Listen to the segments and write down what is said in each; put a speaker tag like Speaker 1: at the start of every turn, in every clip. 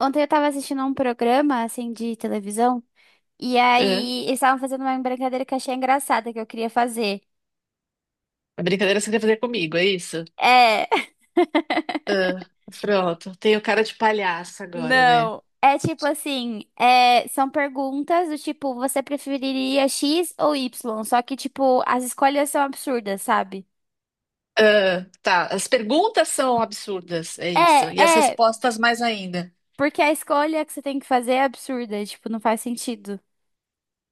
Speaker 1: Ontem eu tava assistindo a um programa, assim, de televisão, e
Speaker 2: Hã?
Speaker 1: aí eles estavam fazendo uma brincadeira que eu achei engraçada, que eu queria fazer.
Speaker 2: A brincadeira você quer fazer comigo, é isso?
Speaker 1: É,
Speaker 2: Pronto, tenho cara de palhaça agora, né?
Speaker 1: não. É tipo assim, são perguntas do tipo, você preferiria X ou Y? Só que, tipo, as escolhas são absurdas, sabe?
Speaker 2: Ah, tá, as perguntas são absurdas, é isso.
Speaker 1: É,
Speaker 2: E as
Speaker 1: é,
Speaker 2: respostas mais ainda.
Speaker 1: porque a escolha que você tem que fazer é absurda, tipo, não faz sentido.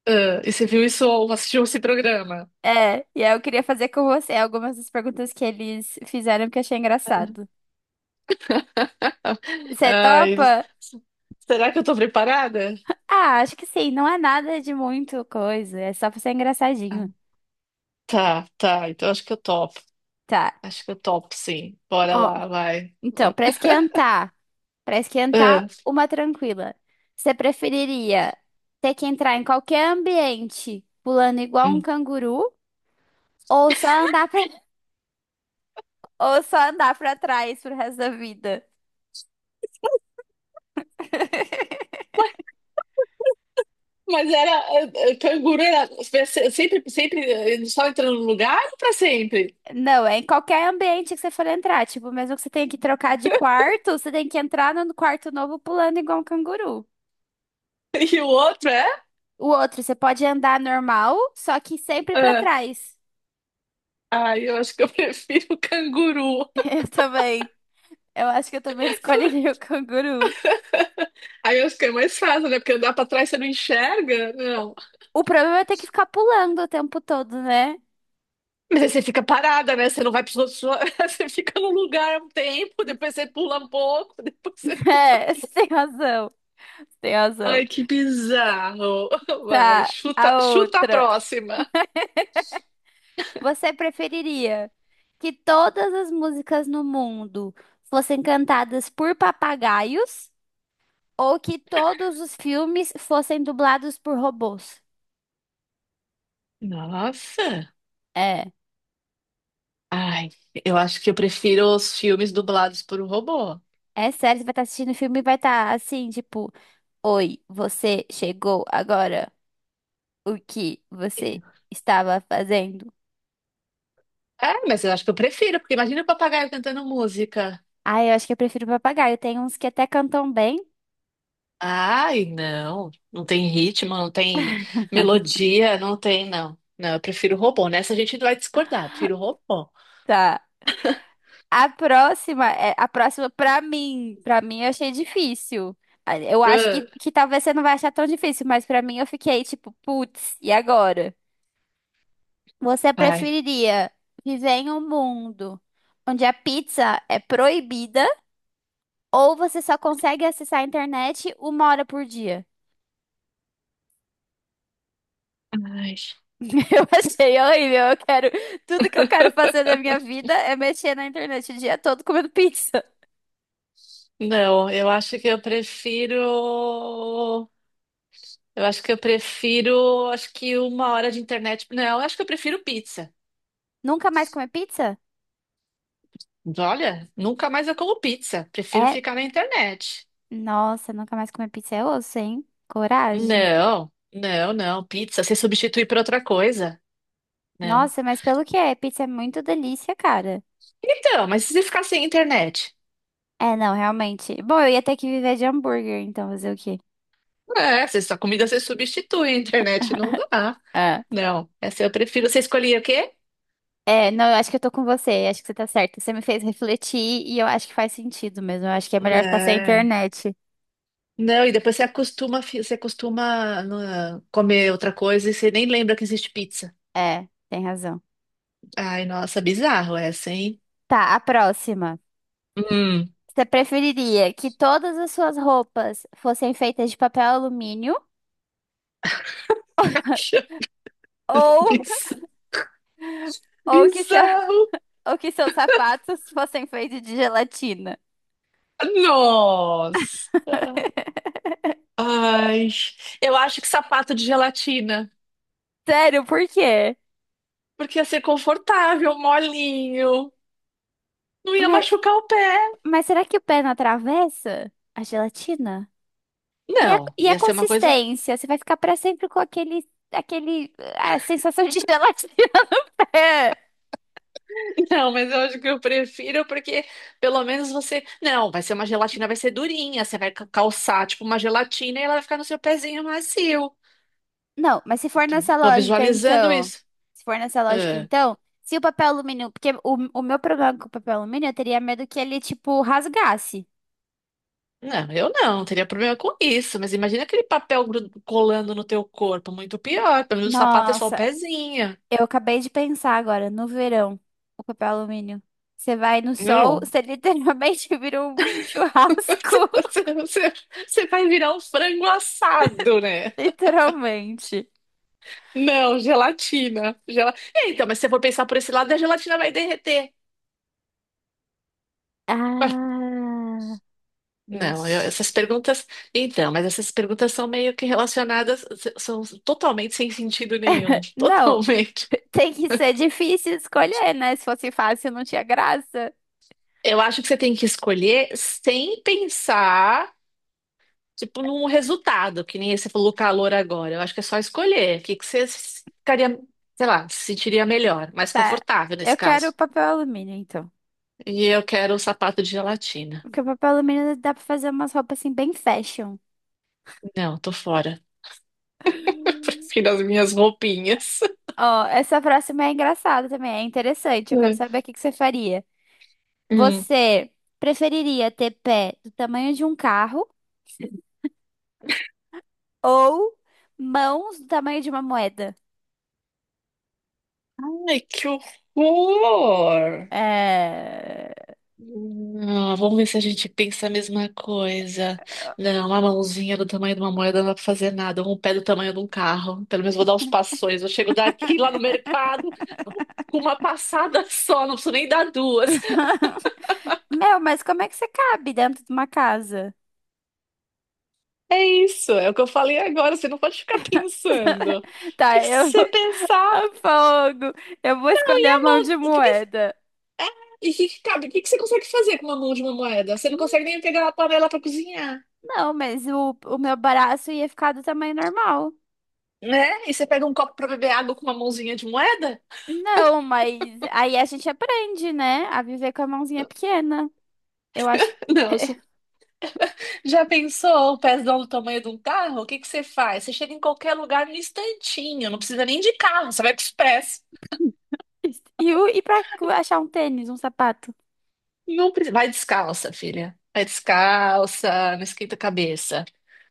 Speaker 2: Ah, e você viu isso ou assistiu esse programa?
Speaker 1: É, e aí eu queria fazer com você algumas das perguntas que eles fizeram que eu achei engraçado. Você
Speaker 2: Ai,
Speaker 1: topa?
Speaker 2: será que eu tô preparada?
Speaker 1: Ah, acho que sim, não é nada de muito coisa, é só pra ser
Speaker 2: Ah,
Speaker 1: engraçadinho.
Speaker 2: tá, tá, então acho que eu topo.
Speaker 1: Tá.
Speaker 2: Acho que eu topo, sim. Bora
Speaker 1: Ó,
Speaker 2: lá, vai.
Speaker 1: então,
Speaker 2: Ó.
Speaker 1: pra esquentar
Speaker 2: Ah,
Speaker 1: uma tranquila. Você preferiria ter que entrar em qualquer ambiente pulando igual um
Speaker 2: hum.
Speaker 1: canguru ou só andar pra, ou só andar pra trás pro resto da vida?
Speaker 2: Ué, mas era. Canguru era. Sempre, sempre só entrando no lugar ou pra sempre?
Speaker 1: Não, é em qualquer ambiente que você for entrar, tipo, mesmo que você tenha que trocar de quarto, você tem que entrar no quarto novo pulando igual um canguru.
Speaker 2: E o outro é?
Speaker 1: O outro, você pode andar normal, só que sempre pra
Speaker 2: Ah,
Speaker 1: trás.
Speaker 2: aí eu acho que eu prefiro o canguru.
Speaker 1: Eu também. Eu acho que eu também escolheria o canguru.
Speaker 2: Aí eu acho que é mais fácil, né? Porque andar pra trás você não enxerga. Não.
Speaker 1: O problema é ter que ficar pulando o tempo todo, né?
Speaker 2: Mas aí você fica parada, né? Você não vai pros outros. Você fica no lugar um tempo, depois você pula um pouco, depois você.
Speaker 1: É, você tem razão. Você tem razão.
Speaker 2: Ai, que bizarro. Vai,
Speaker 1: Tá,
Speaker 2: chuta,
Speaker 1: a
Speaker 2: chuta a
Speaker 1: outra.
Speaker 2: próxima.
Speaker 1: Você preferiria que todas as músicas no mundo fossem cantadas por papagaios ou que todos os filmes fossem dublados por robôs?
Speaker 2: Nossa.
Speaker 1: É.
Speaker 2: Ai, eu acho que eu prefiro os filmes dublados por um robô.
Speaker 1: É sério, você vai estar assistindo o filme e vai estar assim, tipo, oi, você chegou agora? O que você estava fazendo?
Speaker 2: É, mas eu acho que eu prefiro, porque imagina o papagaio cantando música.
Speaker 1: Ah, eu acho que eu prefiro papagaio. Tem uns que até cantam bem.
Speaker 2: Ai, não. Não tem ritmo, não tem melodia, não tem, não. Não, eu prefiro robô. Nessa a gente vai discordar. Prefiro robô.
Speaker 1: Tá. A próxima, a próxima pra mim eu achei difícil. Ah, eu acho
Speaker 2: Ah,
Speaker 1: que talvez você não vai achar tão difícil, mas pra mim eu fiquei tipo, putz, e agora? Você
Speaker 2: ai.
Speaker 1: preferiria viver em um mundo onde a pizza é proibida ou você só consegue acessar a internet uma hora por dia?
Speaker 2: Ai.
Speaker 1: Eu achei horrível. Eu quero. Tudo que eu quero fazer da minha vida é mexer na internet o dia todo comendo pizza.
Speaker 2: Não, eu acho que eu prefiro. Eu acho que eu prefiro. Acho que uma hora de internet. Não, eu acho que eu prefiro pizza.
Speaker 1: Nunca mais comer pizza?
Speaker 2: Olha, nunca mais eu como pizza. Prefiro
Speaker 1: É.
Speaker 2: ficar na internet.
Speaker 1: Nossa, nunca mais comer pizza é osso, hein? Coragem.
Speaker 2: Não, não, não. Pizza, se substituir por outra coisa. Não.
Speaker 1: Nossa, mas pelo que é? Pizza é muito delícia, cara.
Speaker 2: Então, mas e se ficar sem internet?
Speaker 1: É, não, realmente. Bom, eu ia ter que viver de hambúrguer, então fazer o quê?
Speaker 2: É, se sua comida você substitui, a internet não dá.
Speaker 1: É.
Speaker 2: Não, essa eu prefiro. Você escolhia o quê?
Speaker 1: É, não, eu acho que eu tô com você, acho que você tá certa. Você me fez refletir e eu acho que faz sentido mesmo. Eu acho que é melhor ficar sem
Speaker 2: É.
Speaker 1: internet.
Speaker 2: Não, e depois você acostuma, você acostuma, né, comer outra coisa e você nem lembra que existe pizza.
Speaker 1: É, tem razão.
Speaker 2: Ai, nossa, bizarro essa, hein?
Speaker 1: Tá, a próxima.
Speaker 2: Hum.
Speaker 1: Você preferiria que todas as suas roupas fossem feitas de papel alumínio ou,
Speaker 2: Biz-
Speaker 1: ou que seu,
Speaker 2: Bizarro.
Speaker 1: ou que seus sapatos fossem feitos de gelatina?
Speaker 2: Nossa. Ai, eu acho que sapato de gelatina.
Speaker 1: Sério, por quê?
Speaker 2: Porque ia ser confortável, molinho. Não ia
Speaker 1: Mas,
Speaker 2: machucar o pé.
Speaker 1: mas será que o pé não atravessa a gelatina?
Speaker 2: Não,
Speaker 1: E a
Speaker 2: ia ser uma coisa.
Speaker 1: consistência? Você vai ficar para sempre com aquele, aquele, a sensação de gelatina no pé.
Speaker 2: Não, mas eu acho que eu prefiro porque pelo menos você. Não, vai ser uma gelatina, vai ser durinha. Você vai calçar tipo uma gelatina e ela vai ficar no seu pezinho macio.
Speaker 1: Não, mas se
Speaker 2: Eu
Speaker 1: for
Speaker 2: tô,
Speaker 1: nessa
Speaker 2: tô
Speaker 1: lógica,
Speaker 2: visualizando
Speaker 1: então.
Speaker 2: isso.
Speaker 1: Se for nessa lógica,
Speaker 2: Ah,
Speaker 1: então. Se o papel alumínio. Porque o meu problema com o papel alumínio, eu teria medo que ele, tipo, rasgasse.
Speaker 2: não, eu não teria problema com isso. Mas imagina aquele papel colando no teu corpo, muito pior. Pelo menos o sapato é só o
Speaker 1: Nossa,
Speaker 2: pezinho.
Speaker 1: eu acabei de pensar agora, no verão, o papel alumínio. Você vai no sol,
Speaker 2: Não.
Speaker 1: você literalmente vira um
Speaker 2: Você,
Speaker 1: churrasco.
Speaker 2: você, você você vai virar um frango assado, né?
Speaker 1: Literalmente.
Speaker 2: Não, gelatina. É, então, mas se você for pensar por esse lado, a gelatina vai derreter.
Speaker 1: Ah,
Speaker 2: Não, essas
Speaker 1: vixe.
Speaker 2: perguntas. Então, mas essas perguntas são meio que relacionadas, são totalmente sem sentido nenhum.
Speaker 1: Não,
Speaker 2: Totalmente.
Speaker 1: tem que ser difícil escolher, né? Se fosse fácil, não tinha graça.
Speaker 2: Eu acho que você tem que escolher sem pensar, tipo, num resultado, que nem você falou calor agora. Eu acho que é só escolher. O que que você ficaria, sei lá, se sentiria melhor, mais
Speaker 1: Tá.
Speaker 2: confortável
Speaker 1: Eu
Speaker 2: nesse
Speaker 1: quero
Speaker 2: caso.
Speaker 1: papel alumínio, então.
Speaker 2: E eu quero um sapato de gelatina.
Speaker 1: Porque o papel alumínio dá pra fazer umas roupas assim bem fashion.
Speaker 2: Não, tô fora. Prefiro as minhas roupinhas.
Speaker 1: Ó, essa próxima é engraçada também, é interessante. Eu quero
Speaker 2: É.
Speaker 1: saber o que que você faria.
Speaker 2: Hum.
Speaker 1: Você preferiria ter pé do tamanho de um carro ou mãos do tamanho de uma moeda?
Speaker 2: Ai, que horror!
Speaker 1: É...
Speaker 2: Não, vamos ver se a gente pensa a mesma coisa. Não, uma mãozinha do tamanho de uma moeda não dá pra fazer nada. Um pé do tamanho de um carro. Pelo menos vou dar uns passões. Eu chego daqui lá no mercado com uma passada só, não preciso nem dar duas.
Speaker 1: Meu, mas como é que você cabe dentro de uma casa?
Speaker 2: É isso, é o que eu falei agora. Você não pode ficar pensando. O que
Speaker 1: Tá, eu.
Speaker 2: você
Speaker 1: A
Speaker 2: pensar?
Speaker 1: fogo! Eu vou escolher a mão de
Speaker 2: Porque,
Speaker 1: moeda.
Speaker 2: e que cabe, o que que você consegue fazer com uma mão de uma moeda? Você não consegue nem pegar uma panela pra cozinhar,
Speaker 1: Não, mas o meu braço ia ficar do tamanho normal.
Speaker 2: né? E você pega um copo pra beber água com uma mãozinha de moeda?
Speaker 1: Não, mas aí a gente aprende, né? A viver com a mãozinha pequena. Eu acho.
Speaker 2: Não, já pensou o pezão do tamanho de um carro? O que que você faz? Você chega em qualquer lugar no instantinho, não precisa nem de carro, você vai com o Express.
Speaker 1: E, e pra achar um tênis, um sapato?
Speaker 2: Não precisa. Vai descalça, filha. Vai descalça, não esquenta a cabeça,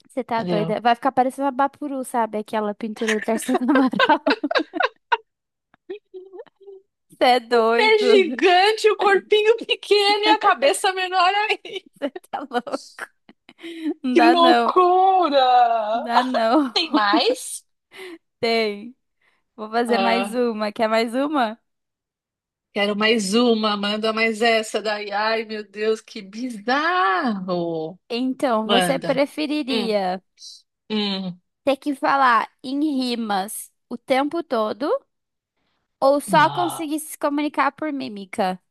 Speaker 1: Você tá
Speaker 2: entendeu?
Speaker 1: doida? Vai ficar parecendo a Bapuru, sabe? Aquela pintura do Tarsila do Amaral. Você é doido.
Speaker 2: É gigante, o corpinho pequeno e a cabeça menor aí.
Speaker 1: Você tá louco. Não
Speaker 2: Que
Speaker 1: dá não. Não
Speaker 2: loucura!
Speaker 1: dá não.
Speaker 2: Tem mais?
Speaker 1: Tem. Vou fazer mais
Speaker 2: Ah,
Speaker 1: uma. Quer mais uma?
Speaker 2: quero mais uma, manda mais essa daí. Ai, meu Deus, que bizarro!
Speaker 1: Então, você
Speaker 2: Manda. Hum,
Speaker 1: preferiria
Speaker 2: hum.
Speaker 1: ter que falar em rimas o tempo todo? Ou só conseguir se comunicar por mímica.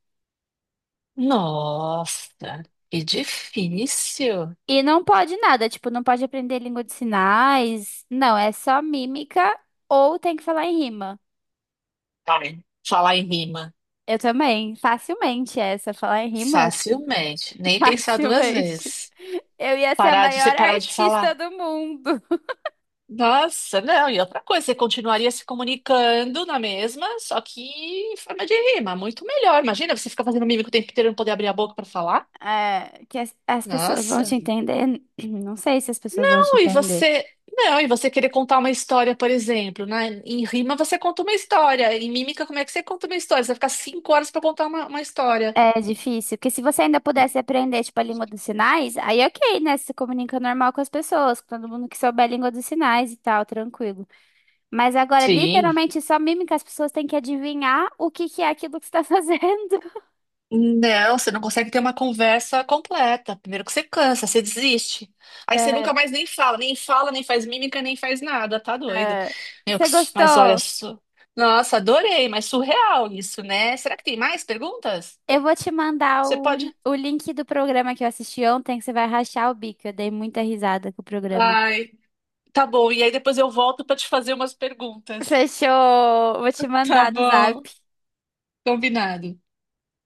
Speaker 2: Nossa, que
Speaker 1: E,
Speaker 2: difícil.
Speaker 1: e não pode nada, tipo, não pode aprender língua de sinais. Não, é só mímica ou tem que falar em rima.
Speaker 2: Ai, falar em rima.
Speaker 1: Eu também, facilmente essa, falar em rima,
Speaker 2: Facilmente. Nem pensar duas
Speaker 1: facilmente.
Speaker 2: vezes.
Speaker 1: Eu ia ser a
Speaker 2: Parar de
Speaker 1: maior
Speaker 2: separar de
Speaker 1: artista
Speaker 2: falar.
Speaker 1: do mundo.
Speaker 2: Nossa, não. E outra coisa, você continuaria se comunicando na mesma, só que em forma de rima. Muito melhor. Imagina, você ficar fazendo mímica o tempo inteiro e não poder abrir a boca para falar.
Speaker 1: É, que as pessoas vão te
Speaker 2: Nossa.
Speaker 1: entender. Não sei se as pessoas vão te
Speaker 2: Não, e
Speaker 1: entender.
Speaker 2: você. Não, e você querer contar uma história, por exemplo, né? Em rima você conta uma história, em mímica, como é que você conta uma história? Você vai ficar 5 horas para contar uma história.
Speaker 1: É difícil, porque se você ainda pudesse aprender, tipo, a língua dos sinais, aí ok, né? Você se comunica normal com as pessoas, com todo mundo que souber a língua dos sinais e tal, tranquilo. Mas agora,
Speaker 2: Sim.
Speaker 1: literalmente, só mímica, as pessoas têm que adivinhar o que que é aquilo que você tá fazendo.
Speaker 2: Não, você não consegue ter uma conversa completa. Primeiro que você cansa, você desiste. Aí você nunca
Speaker 1: É,
Speaker 2: mais nem fala, nem faz mímica, nem faz nada, tá doido.
Speaker 1: é.
Speaker 2: Meu,
Speaker 1: Você
Speaker 2: que mas olha,
Speaker 1: gostou?
Speaker 2: nossa, adorei, mas surreal isso, né? Será que tem mais perguntas?
Speaker 1: Eu vou te mandar
Speaker 2: Você
Speaker 1: o,
Speaker 2: pode.
Speaker 1: o link do programa que eu assisti ontem, que você vai rachar o bico. Eu dei muita risada com o programa.
Speaker 2: Ai, tá bom. E aí depois eu volto pra te fazer umas perguntas.
Speaker 1: Fechou! Vou te
Speaker 2: Tá
Speaker 1: mandar no zap.
Speaker 2: bom, combinado.